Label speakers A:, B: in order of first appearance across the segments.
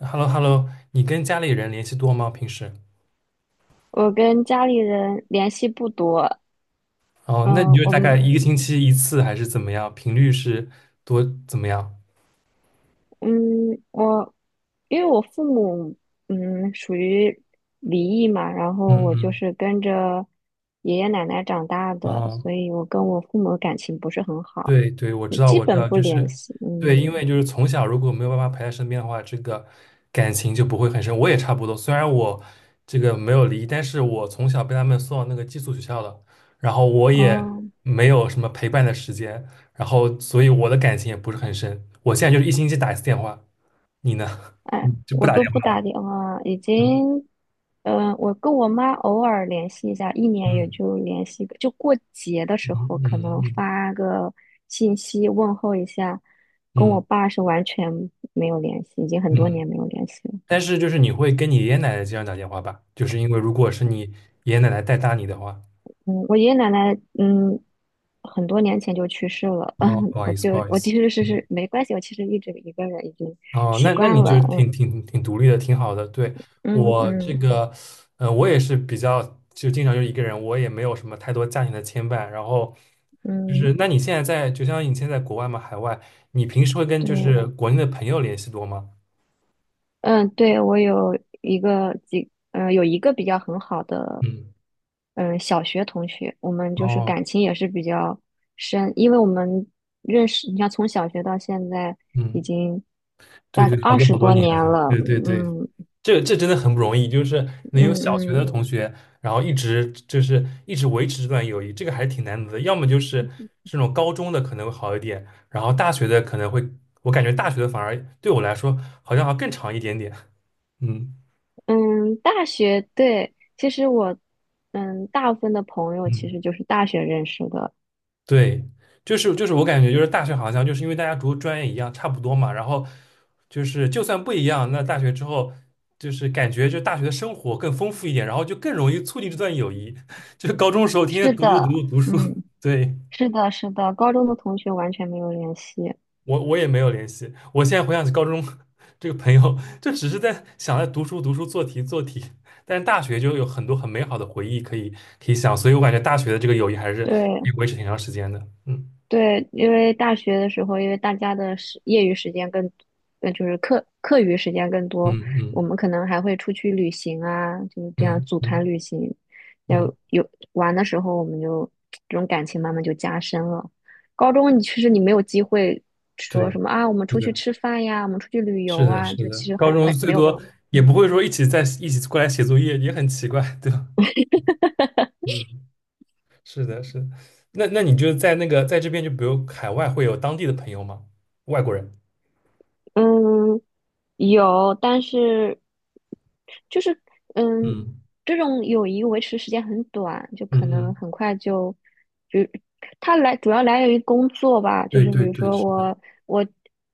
A: h e l l o h e l l o 你跟家里人联系多吗？平时？
B: 我跟家里人联系不多，
A: 哦，那你
B: 嗯，
A: 就
B: 我
A: 大概
B: 们，
A: 一个星期一次还是怎么样？频率是多怎么样？
B: 嗯，我，因为我父母，属于离异嘛，然后我就
A: 嗯
B: 是跟着爷爷奶奶长大
A: 嗯，
B: 的，
A: 哦，
B: 所以我跟我父母感情不是很好，
A: 对对，我
B: 就
A: 知道
B: 基
A: 我知
B: 本
A: 道，
B: 不
A: 就
B: 联
A: 是
B: 系。
A: 对，因为
B: 嗯。
A: 就是从小如果没有爸妈陪在身边的话，这个感情就不会很深。我也差不多，虽然我这个没有离，但是我从小被他们送到那个寄宿学校的，然后我也
B: 哦。
A: 没有什么陪伴的时间，然后所以我的感情也不是很深。我现在就是一星期打一次电话。你呢？
B: 哎，
A: 嗯，就不
B: 我
A: 打
B: 都
A: 电
B: 不
A: 话
B: 打电话，已
A: 了？
B: 经，我跟我妈偶尔联系一下，一年也
A: 嗯
B: 就联系个，就过节的时
A: 嗯
B: 候可
A: 嗯
B: 能
A: 嗯
B: 发个信息问候一下，跟
A: 嗯
B: 我爸是完全没有联系，已经很多
A: 嗯。
B: 年没有联系了。
A: 但是就是你会跟你爷爷奶奶经常打电话吧？就是因为如果是你爷爷奶奶带大你的话，
B: 嗯，我爷爷奶奶，很多年前就去世了。
A: 哦，
B: 嗯，
A: 不好
B: 我
A: 意思，
B: 就
A: 不好意
B: 我其
A: 思。
B: 实是
A: 嗯，
B: 是没关系，我其实一直一个人已经
A: 哦，
B: 习
A: 那
B: 惯
A: 你就
B: 了。
A: 挺独立的，挺好的。对，
B: 嗯嗯
A: 我这
B: 嗯
A: 个，我也是比较就经常就一个人，我也没有什么太多家庭的牵绊。然后就
B: 嗯。
A: 是，那你现在在，就像你现在在国外嘛，海外，你平时会跟就
B: 对。
A: 是国内的朋友联系多吗？
B: 嗯，对。我有一个比较很好的，
A: 嗯，
B: 小学同学，我们就是
A: 哦，
B: 感情也是比较深，因为我们认识，你看从小学到现在已
A: 嗯。
B: 经
A: 对
B: 大概
A: 对，好
B: 二
A: 多
B: 十
A: 好多
B: 多
A: 年
B: 年
A: 了，
B: 了。
A: 对对对，
B: 嗯
A: 这真的很不容易，就是能有
B: 嗯
A: 小学的
B: 嗯
A: 同学，然后一直就是一直维持这段友谊，这个还是挺难得的。要么就是这种高中的可能会好一点，然后大学的可能会，我感觉大学的反而对我来说好像还更长一点点。嗯
B: 嗯。大学，对，其实我，大部分的朋友其实
A: 嗯。
B: 就是大学认识的。
A: 对，就是我感觉就是大学好像就是因为大家读的专业一样，差不多嘛，然后就是就算不一样，那大学之后就是感觉就大学的生活更丰富一点，然后就更容易促进这段友谊。就是高中时候天
B: 是
A: 天读读读
B: 的。
A: 读读书，
B: 嗯，
A: 对，
B: 是的，是的，高中的同学完全没有联系。
A: 我也没有联系。我现在回想起高中 这个朋友，就只是在想在读书读书做题做题，但是大学就有很多很美好的回忆可以想，所以我感觉大学的这个友谊还是可以
B: 对，
A: 维持挺长时间的。嗯
B: 对，因为大学的时候，因为大家的业余时间更，就是课余时间更
A: 嗯
B: 多，我
A: 嗯
B: 们可能还会出去旅行啊，就是这样
A: 嗯
B: 组团
A: 嗯
B: 旅行。要
A: 嗯。
B: 有玩的时候，我们就这种感情慢慢就加深了。高中其实你没有机会说
A: 对，
B: 什么啊，我们
A: 是
B: 出去
A: 的，
B: 吃饭呀，我们出去旅游
A: 是的，
B: 啊，
A: 是
B: 就
A: 的，
B: 其实
A: 高
B: 很
A: 中
B: 很
A: 最
B: 没有这
A: 多
B: 种。
A: 也
B: 嗯
A: 不会说一起在一起过来写作业，也很奇怪，对吧？嗯，是的，是的。那你就在那个在这边，就比如海外会有当地的朋友吗？外国人？
B: 嗯。有，但是就是嗯，
A: 嗯
B: 这种友谊维持时间很短，就
A: 嗯
B: 可能
A: 嗯，
B: 很快就，就它来主要来源于工作吧，就
A: 对
B: 是比
A: 对
B: 如
A: 对，
B: 说
A: 是的，
B: 我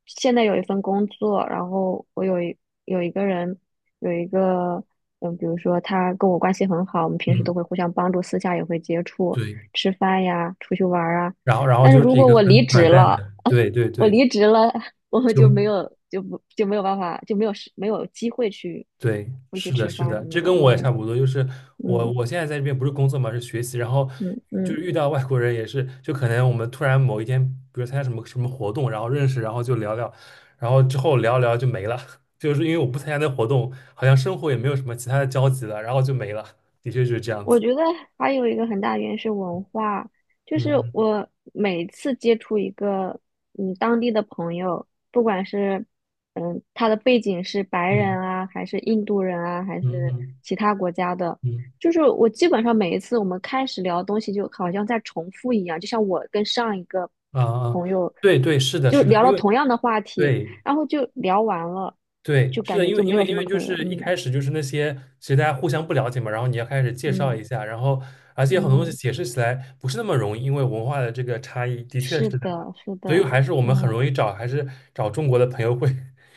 B: 现在有一份工作，然后我有一有一个人有一个嗯，比如说他跟我关系很好，我们平时都
A: 嗯，
B: 会互相帮助，私下也会接触，
A: 对，
B: 吃饭呀，出去玩儿啊。
A: 然后
B: 但是
A: 就
B: 如
A: 是一
B: 果
A: 个
B: 我离
A: 很短
B: 职
A: 暂
B: 了，
A: 的，对对
B: 我
A: 对，
B: 离职了，我
A: 就
B: 就没有就不就没有办法就没有时没有机会去
A: 对，
B: 出去
A: 是的，
B: 吃
A: 是
B: 饭
A: 的，
B: 什么
A: 这
B: 的。
A: 跟我也
B: 嗯
A: 差不多。就是我，
B: 嗯
A: 我现在在这边不是工作嘛，是学习，然后
B: 嗯
A: 就是
B: 嗯。
A: 遇到外国人也是，就可能我们突然某一天，比如参加什么什么活动，然后认识，然后就聊聊，然后之后聊聊就没了，就是因为我不参加那活动，好像生活也没有什么其他的交集了，然后就没了。的确就是这样
B: 我
A: 子。
B: 觉得还有一个很大原因是文化，就是
A: 嗯
B: 我每次接触一个当地的朋友，不管是他的背景是白人
A: 嗯
B: 啊，还是印度人啊，还
A: 嗯嗯
B: 是
A: 嗯
B: 其他国家的，
A: 嗯
B: 就是我基本上每一次我们开始聊东西，就好像在重复一样，就像我跟上一个
A: 啊啊，
B: 朋友
A: 对对，是的，
B: 就
A: 是的，
B: 聊
A: 因
B: 了
A: 为
B: 同样的话题，
A: 对。
B: 然后就聊完了，
A: 对，
B: 就
A: 是
B: 感
A: 的，
B: 觉
A: 因
B: 就
A: 为因
B: 没有
A: 为
B: 什
A: 因
B: 么
A: 为就
B: 可以了。
A: 是一
B: 嗯
A: 开始就是那些，其实大家互相不了解嘛，然后你要开始介绍一
B: 嗯
A: 下，然后而且很多东西
B: 嗯。
A: 解释起来不是那么容易，因为文化的这个差异，的确是
B: 是
A: 的，
B: 的，是
A: 所以
B: 的。
A: 还是我们很
B: 嗯，
A: 容易找，还是找中国的朋友会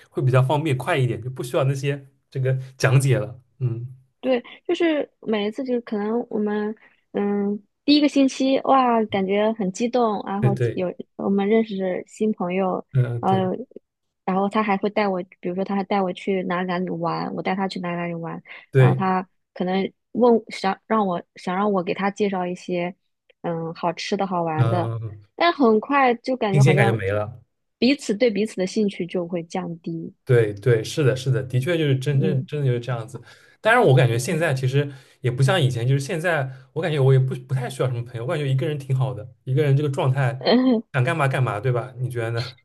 A: 会比较方便快一点，就不需要那些这个讲解了。嗯，
B: 对，就是每一次就可能我们，第一个星期哇，感觉很激动，然
A: 对
B: 后
A: 对，
B: 有我们认识新朋友，
A: 嗯、对
B: 呃，然后他还会带我，比如说他还带我去哪里哪里玩，我带他去哪里哪里玩，然后
A: 对，
B: 他可能问想让我想让我给他介绍一些，好吃的好玩的，
A: 嗯、
B: 但很快就感
A: 新
B: 觉好
A: 鲜感就
B: 像
A: 没了。
B: 彼此对彼此的兴趣就会降低。
A: 对对，是的，是的，的确就是真正
B: 嗯
A: 真的就是这样子。当然，我感觉现
B: 嗯。
A: 在其实也不像以前，就是现在我感觉我也不太需要什么朋友，我感觉一个人挺好的，一个人这个状态
B: 嗯，
A: 想干嘛干嘛，对吧？你觉得呢？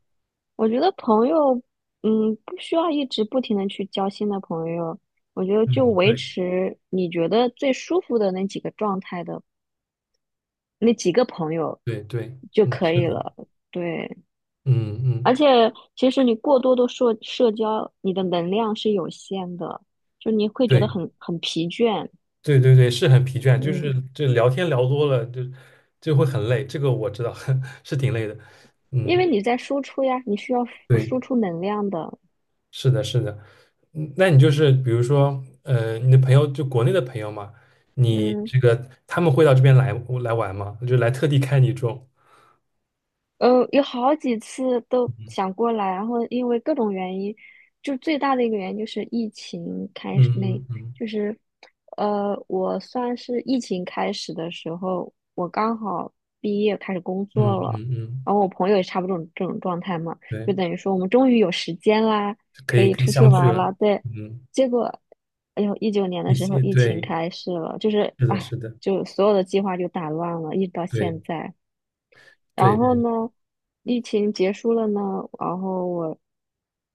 B: 我觉得朋友，不需要一直不停的去交新的朋友。我觉得就
A: 嗯
B: 维
A: 对
B: 持你觉得最舒服的那几个状态的那几个朋友
A: 对对，
B: 就
A: 嗯，
B: 可
A: 是
B: 以
A: 的，
B: 了。对。
A: 嗯嗯，
B: 而且其实你过多的社交，你的能量是有限的，就你会觉得
A: 对
B: 很疲倦。
A: 对对对，是很疲倦，就是
B: 嗯，
A: 这聊天聊多了就会很累，这个我知道 是挺累的，
B: 因为
A: 嗯。
B: 你在输出呀，你需要输
A: 对。
B: 输出能量的。
A: 是的，是的，嗯，那你就是比如说，你的朋友就国内的朋友嘛，你
B: 嗯。
A: 这个他们会到这边来玩吗？就来特地看你这种，
B: 有好几次都想过来，然后因为各种原因，就最大的一个原因就是疫情开始那，
A: 嗯嗯
B: 就是，我算是疫情开始的时候，我刚好毕业开始工
A: 嗯
B: 作了，
A: 嗯嗯嗯，
B: 然后我朋友也差不多这种状态嘛，
A: 对，
B: 就等于说我们终于有时间啦，
A: 可
B: 可
A: 以
B: 以
A: 可以
B: 出去
A: 相聚
B: 玩儿
A: 了，
B: 啦，对，
A: 嗯，
B: 结果，哎呦，19年的
A: 一
B: 时候
A: 些
B: 疫情
A: 对，
B: 开始了，就是
A: 是的，
B: 啊，
A: 是的，
B: 就所有的计划就打乱了，一直到现
A: 对
B: 在。
A: 对
B: 然后
A: 对，
B: 呢，疫情结束了呢，然后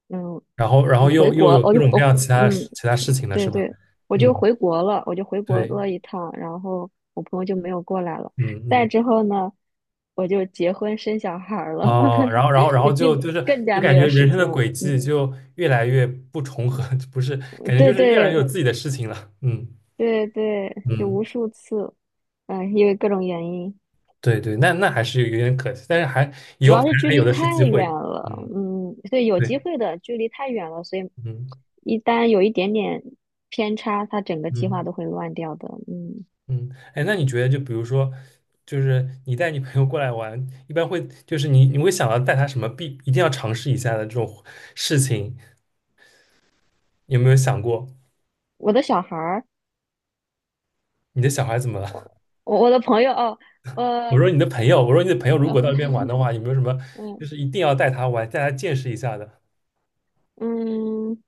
B: 嗯，
A: 然后然
B: 我
A: 后
B: 回
A: 又
B: 国，
A: 有
B: 我
A: 各
B: 就
A: 种各
B: 我，
A: 样其他
B: 嗯，
A: 其他事情了，是
B: 对
A: 吧？
B: 对，我就
A: 嗯，
B: 回国了，我就回国
A: 对，
B: 了一趟，然后我朋友就没有过来了。
A: 嗯
B: 再
A: 嗯。
B: 之后呢，我就结婚生小孩儿了，
A: 哦，然后，然后，然 后
B: 就
A: 就
B: 更
A: 就是
B: 更
A: 就
B: 加没
A: 感
B: 有
A: 觉人
B: 时
A: 生的
B: 间了，
A: 轨迹就越来越不重合，不是，感觉就
B: 对
A: 是越来越
B: 对
A: 有自己的事情了。嗯
B: 对对，就无
A: 嗯，
B: 数次，因为各种原因。
A: 对对，那还是有点可惜，但是以
B: 主
A: 后还
B: 要是距
A: 还有
B: 离
A: 的是
B: 太
A: 机
B: 远
A: 会。
B: 了。
A: 嗯，
B: 嗯，对，有机
A: 对，
B: 会的，距离太远了，所以
A: 嗯
B: 一旦有一点点偏差，他整个计划
A: 嗯
B: 都会乱掉的。嗯，
A: 嗯，哎，那你觉得就比如说，就是你带你朋友过来玩，一般会就是你会想到带他什么一定要尝试一下的这种事情，有没有想过？
B: 我的小孩儿，
A: 你的小孩怎么了？
B: 我的朋友。哦。
A: 我
B: 呃，
A: 说你的朋友，我说你的朋友如果到那边 玩的话，有没有什么
B: 嗯
A: 就是一定要带他玩，带他见识一下的？
B: 嗯，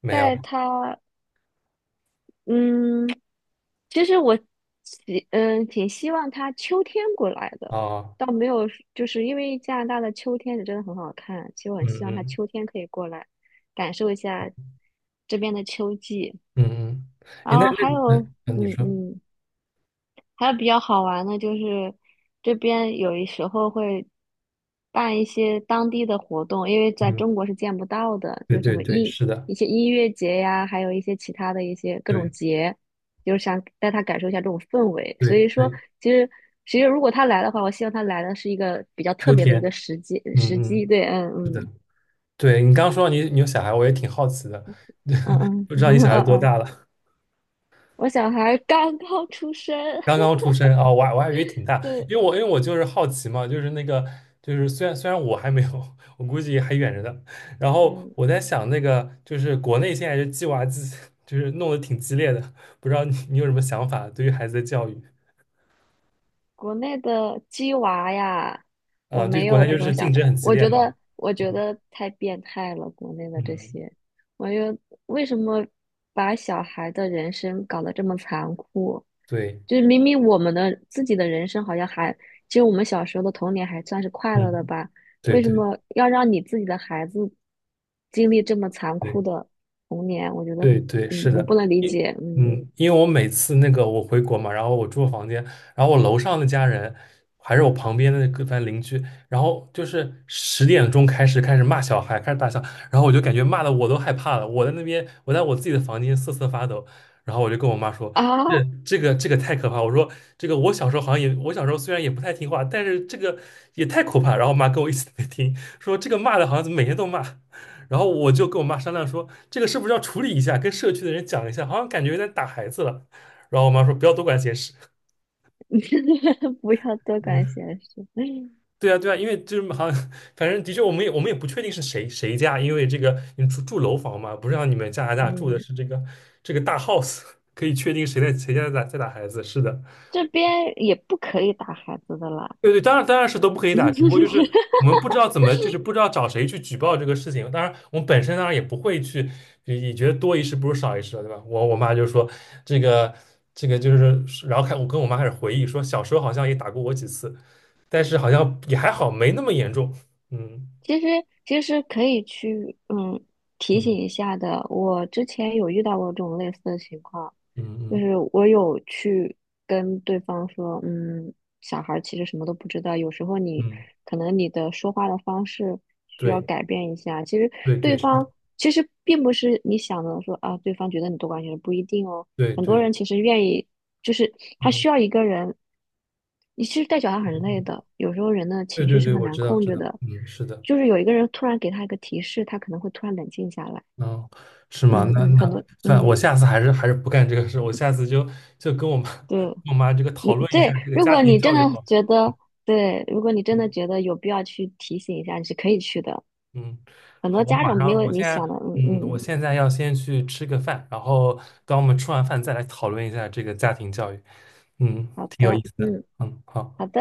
A: 没有
B: 带他嗯，其实我挺希望他秋天过来的，
A: 啊，
B: 倒没有，就是因为加拿大的秋天是真的很好看，其实我很
A: 嗯
B: 希望他
A: 嗯
B: 秋天可以过来，感受一下这边的秋季。
A: 嗯嗯，哎，
B: 然
A: 那
B: 后
A: 那
B: 还
A: 你
B: 有，
A: 那你
B: 嗯
A: 说，
B: 嗯，还有比较好玩的就是，这边有一时候会办一些当地的活动，因为在
A: 嗯，
B: 中国是见不到的，
A: 对
B: 就什
A: 对
B: 么
A: 对，是的，
B: 一些音乐节呀，还有一些其他的一些各种
A: 对
B: 节，就是想带他感受一下这种氛围。所
A: 对
B: 以说，
A: 对，
B: 其实其实如果他来的话，我希望他来的是一个比较特
A: 秋
B: 别的一个
A: 天，
B: 时机
A: 嗯
B: 时机。
A: 嗯，
B: 对。嗯
A: 是的，
B: 嗯
A: 对你刚刚说到你有小孩，我也挺好奇的，
B: 嗯 嗯
A: 不知道你
B: 嗯
A: 小孩
B: 嗯
A: 多
B: 嗯。
A: 大了？
B: 我小孩刚刚出生。
A: 刚刚出生啊，我还以为挺 大，
B: 对。
A: 因为我就是好奇嘛，就是那个就是虽然我还没有，我估计还远着呢。然后
B: 嗯。
A: 我在想那个就是国内现在就鸡娃就是弄得挺激烈的，不知道你有什么想法对于孩子的教育
B: 国内的鸡娃呀，我
A: 啊？对，
B: 没
A: 国
B: 有
A: 内
B: 这
A: 就是
B: 种
A: 竞
B: 想，
A: 争很激
B: 我
A: 烈
B: 觉得
A: 嘛。
B: 我
A: 嗯
B: 觉得太变态了，国内的这
A: 嗯，
B: 些，我觉得为什么把小孩的人生搞得这么残酷？
A: 对，
B: 就是明明我们的自己的人生好像还，其实我们小时候的童年还算是快乐的
A: 嗯，
B: 吧，
A: 对
B: 为什
A: 对
B: 么要让你自己的孩子经历这么残
A: 对。
B: 酷的童年？我觉得
A: 对
B: 很，
A: 对，是
B: 我
A: 的，
B: 不
A: 嗯，
B: 能理解。嗯，
A: 嗯，因为我每次那个我回国嘛，然后我住房间，然后我楼上的家人，还是我旁边的那个反正邻居，然后就是10点钟开始骂小孩，开始大笑，然后我就感觉骂的我都害怕了，我在那边我在我自己的房间瑟瑟发抖，然后我就跟我妈说，这这个太可怕，我说这个我小时候好像也我小时候虽然也不太听话，但是这个也太可怕，然后我妈跟我一起在听，说这个骂的好像怎么每天都骂，然后我就跟我妈商量说，这个是不是要处理一下，跟社区的人讲一下，好像感觉有点打孩子了。然后我妈说不要多管闲事。
B: 不要多管
A: 嗯，
B: 闲事。
A: 对啊，对啊，因为就是 好像，反正的确，我们也不确定是谁家，因为这个你住楼房嘛，不是让你们加拿大住的
B: 嗯。
A: 是这个大 house，可以确定谁在谁家在打孩子。是的，
B: 这边也不可以打孩子的啦。
A: 对对，当然是都不可以打，只不过就是 我们不知道怎么，就是不知道找谁去举报这个事情。当然，我们本身当然也不会去，也觉得多一事不如少一事了，对吧？我妈就说这个这个就是，然后我跟我妈开始回忆说，小时候好像也打过我几次，但是好像也还好，没那么严重。嗯
B: 其实其实可以去提醒
A: 嗯
B: 一下的。我之前有遇到过这种类似的情况，
A: 嗯
B: 就
A: 嗯
B: 是我有去跟对方说，小孩儿其实什么都不知道，有时候你
A: 嗯，
B: 可能你的说话的方式需要
A: 对
B: 改变一下。其实
A: 对对
B: 对
A: 是，
B: 方其实并不是你想的说啊，对方觉得你多管闲事，不一定哦。
A: 对
B: 很多
A: 对，
B: 人其实愿意，就是他
A: 嗯
B: 需要一个人。你其实带小孩
A: 嗯，
B: 很累
A: 嗯，
B: 的，有时候人的
A: 对
B: 情绪
A: 对
B: 是
A: 对，
B: 很
A: 我
B: 难
A: 知道
B: 控
A: 知
B: 制
A: 道，
B: 的，
A: 嗯，是的。
B: 就是有一个人突然给他一个提示，他可能会突然冷静下来。
A: 嗯，是吗？
B: 嗯
A: 那
B: 嗯。很
A: 那
B: 多
A: 算了，我下次还是不干这个事，我下次就跟我妈
B: 对。
A: 跟我妈这个
B: 你
A: 讨论一下
B: 对，
A: 这个家庭教育好了。
B: 觉得对，如果你真的
A: 嗯
B: 觉得有必要去提醒一下，你是可以去的。
A: 嗯，
B: 很多
A: 好，我
B: 家
A: 马
B: 长没
A: 上，
B: 有
A: 我
B: 你
A: 现
B: 想
A: 在
B: 的。嗯
A: 嗯，我
B: 嗯。
A: 现在要先去吃个饭，然后等我们吃完饭再来讨论一下这个家庭教育。嗯，
B: 好
A: 挺有意
B: 的。
A: 思的。
B: 嗯
A: 嗯，好。
B: 好的。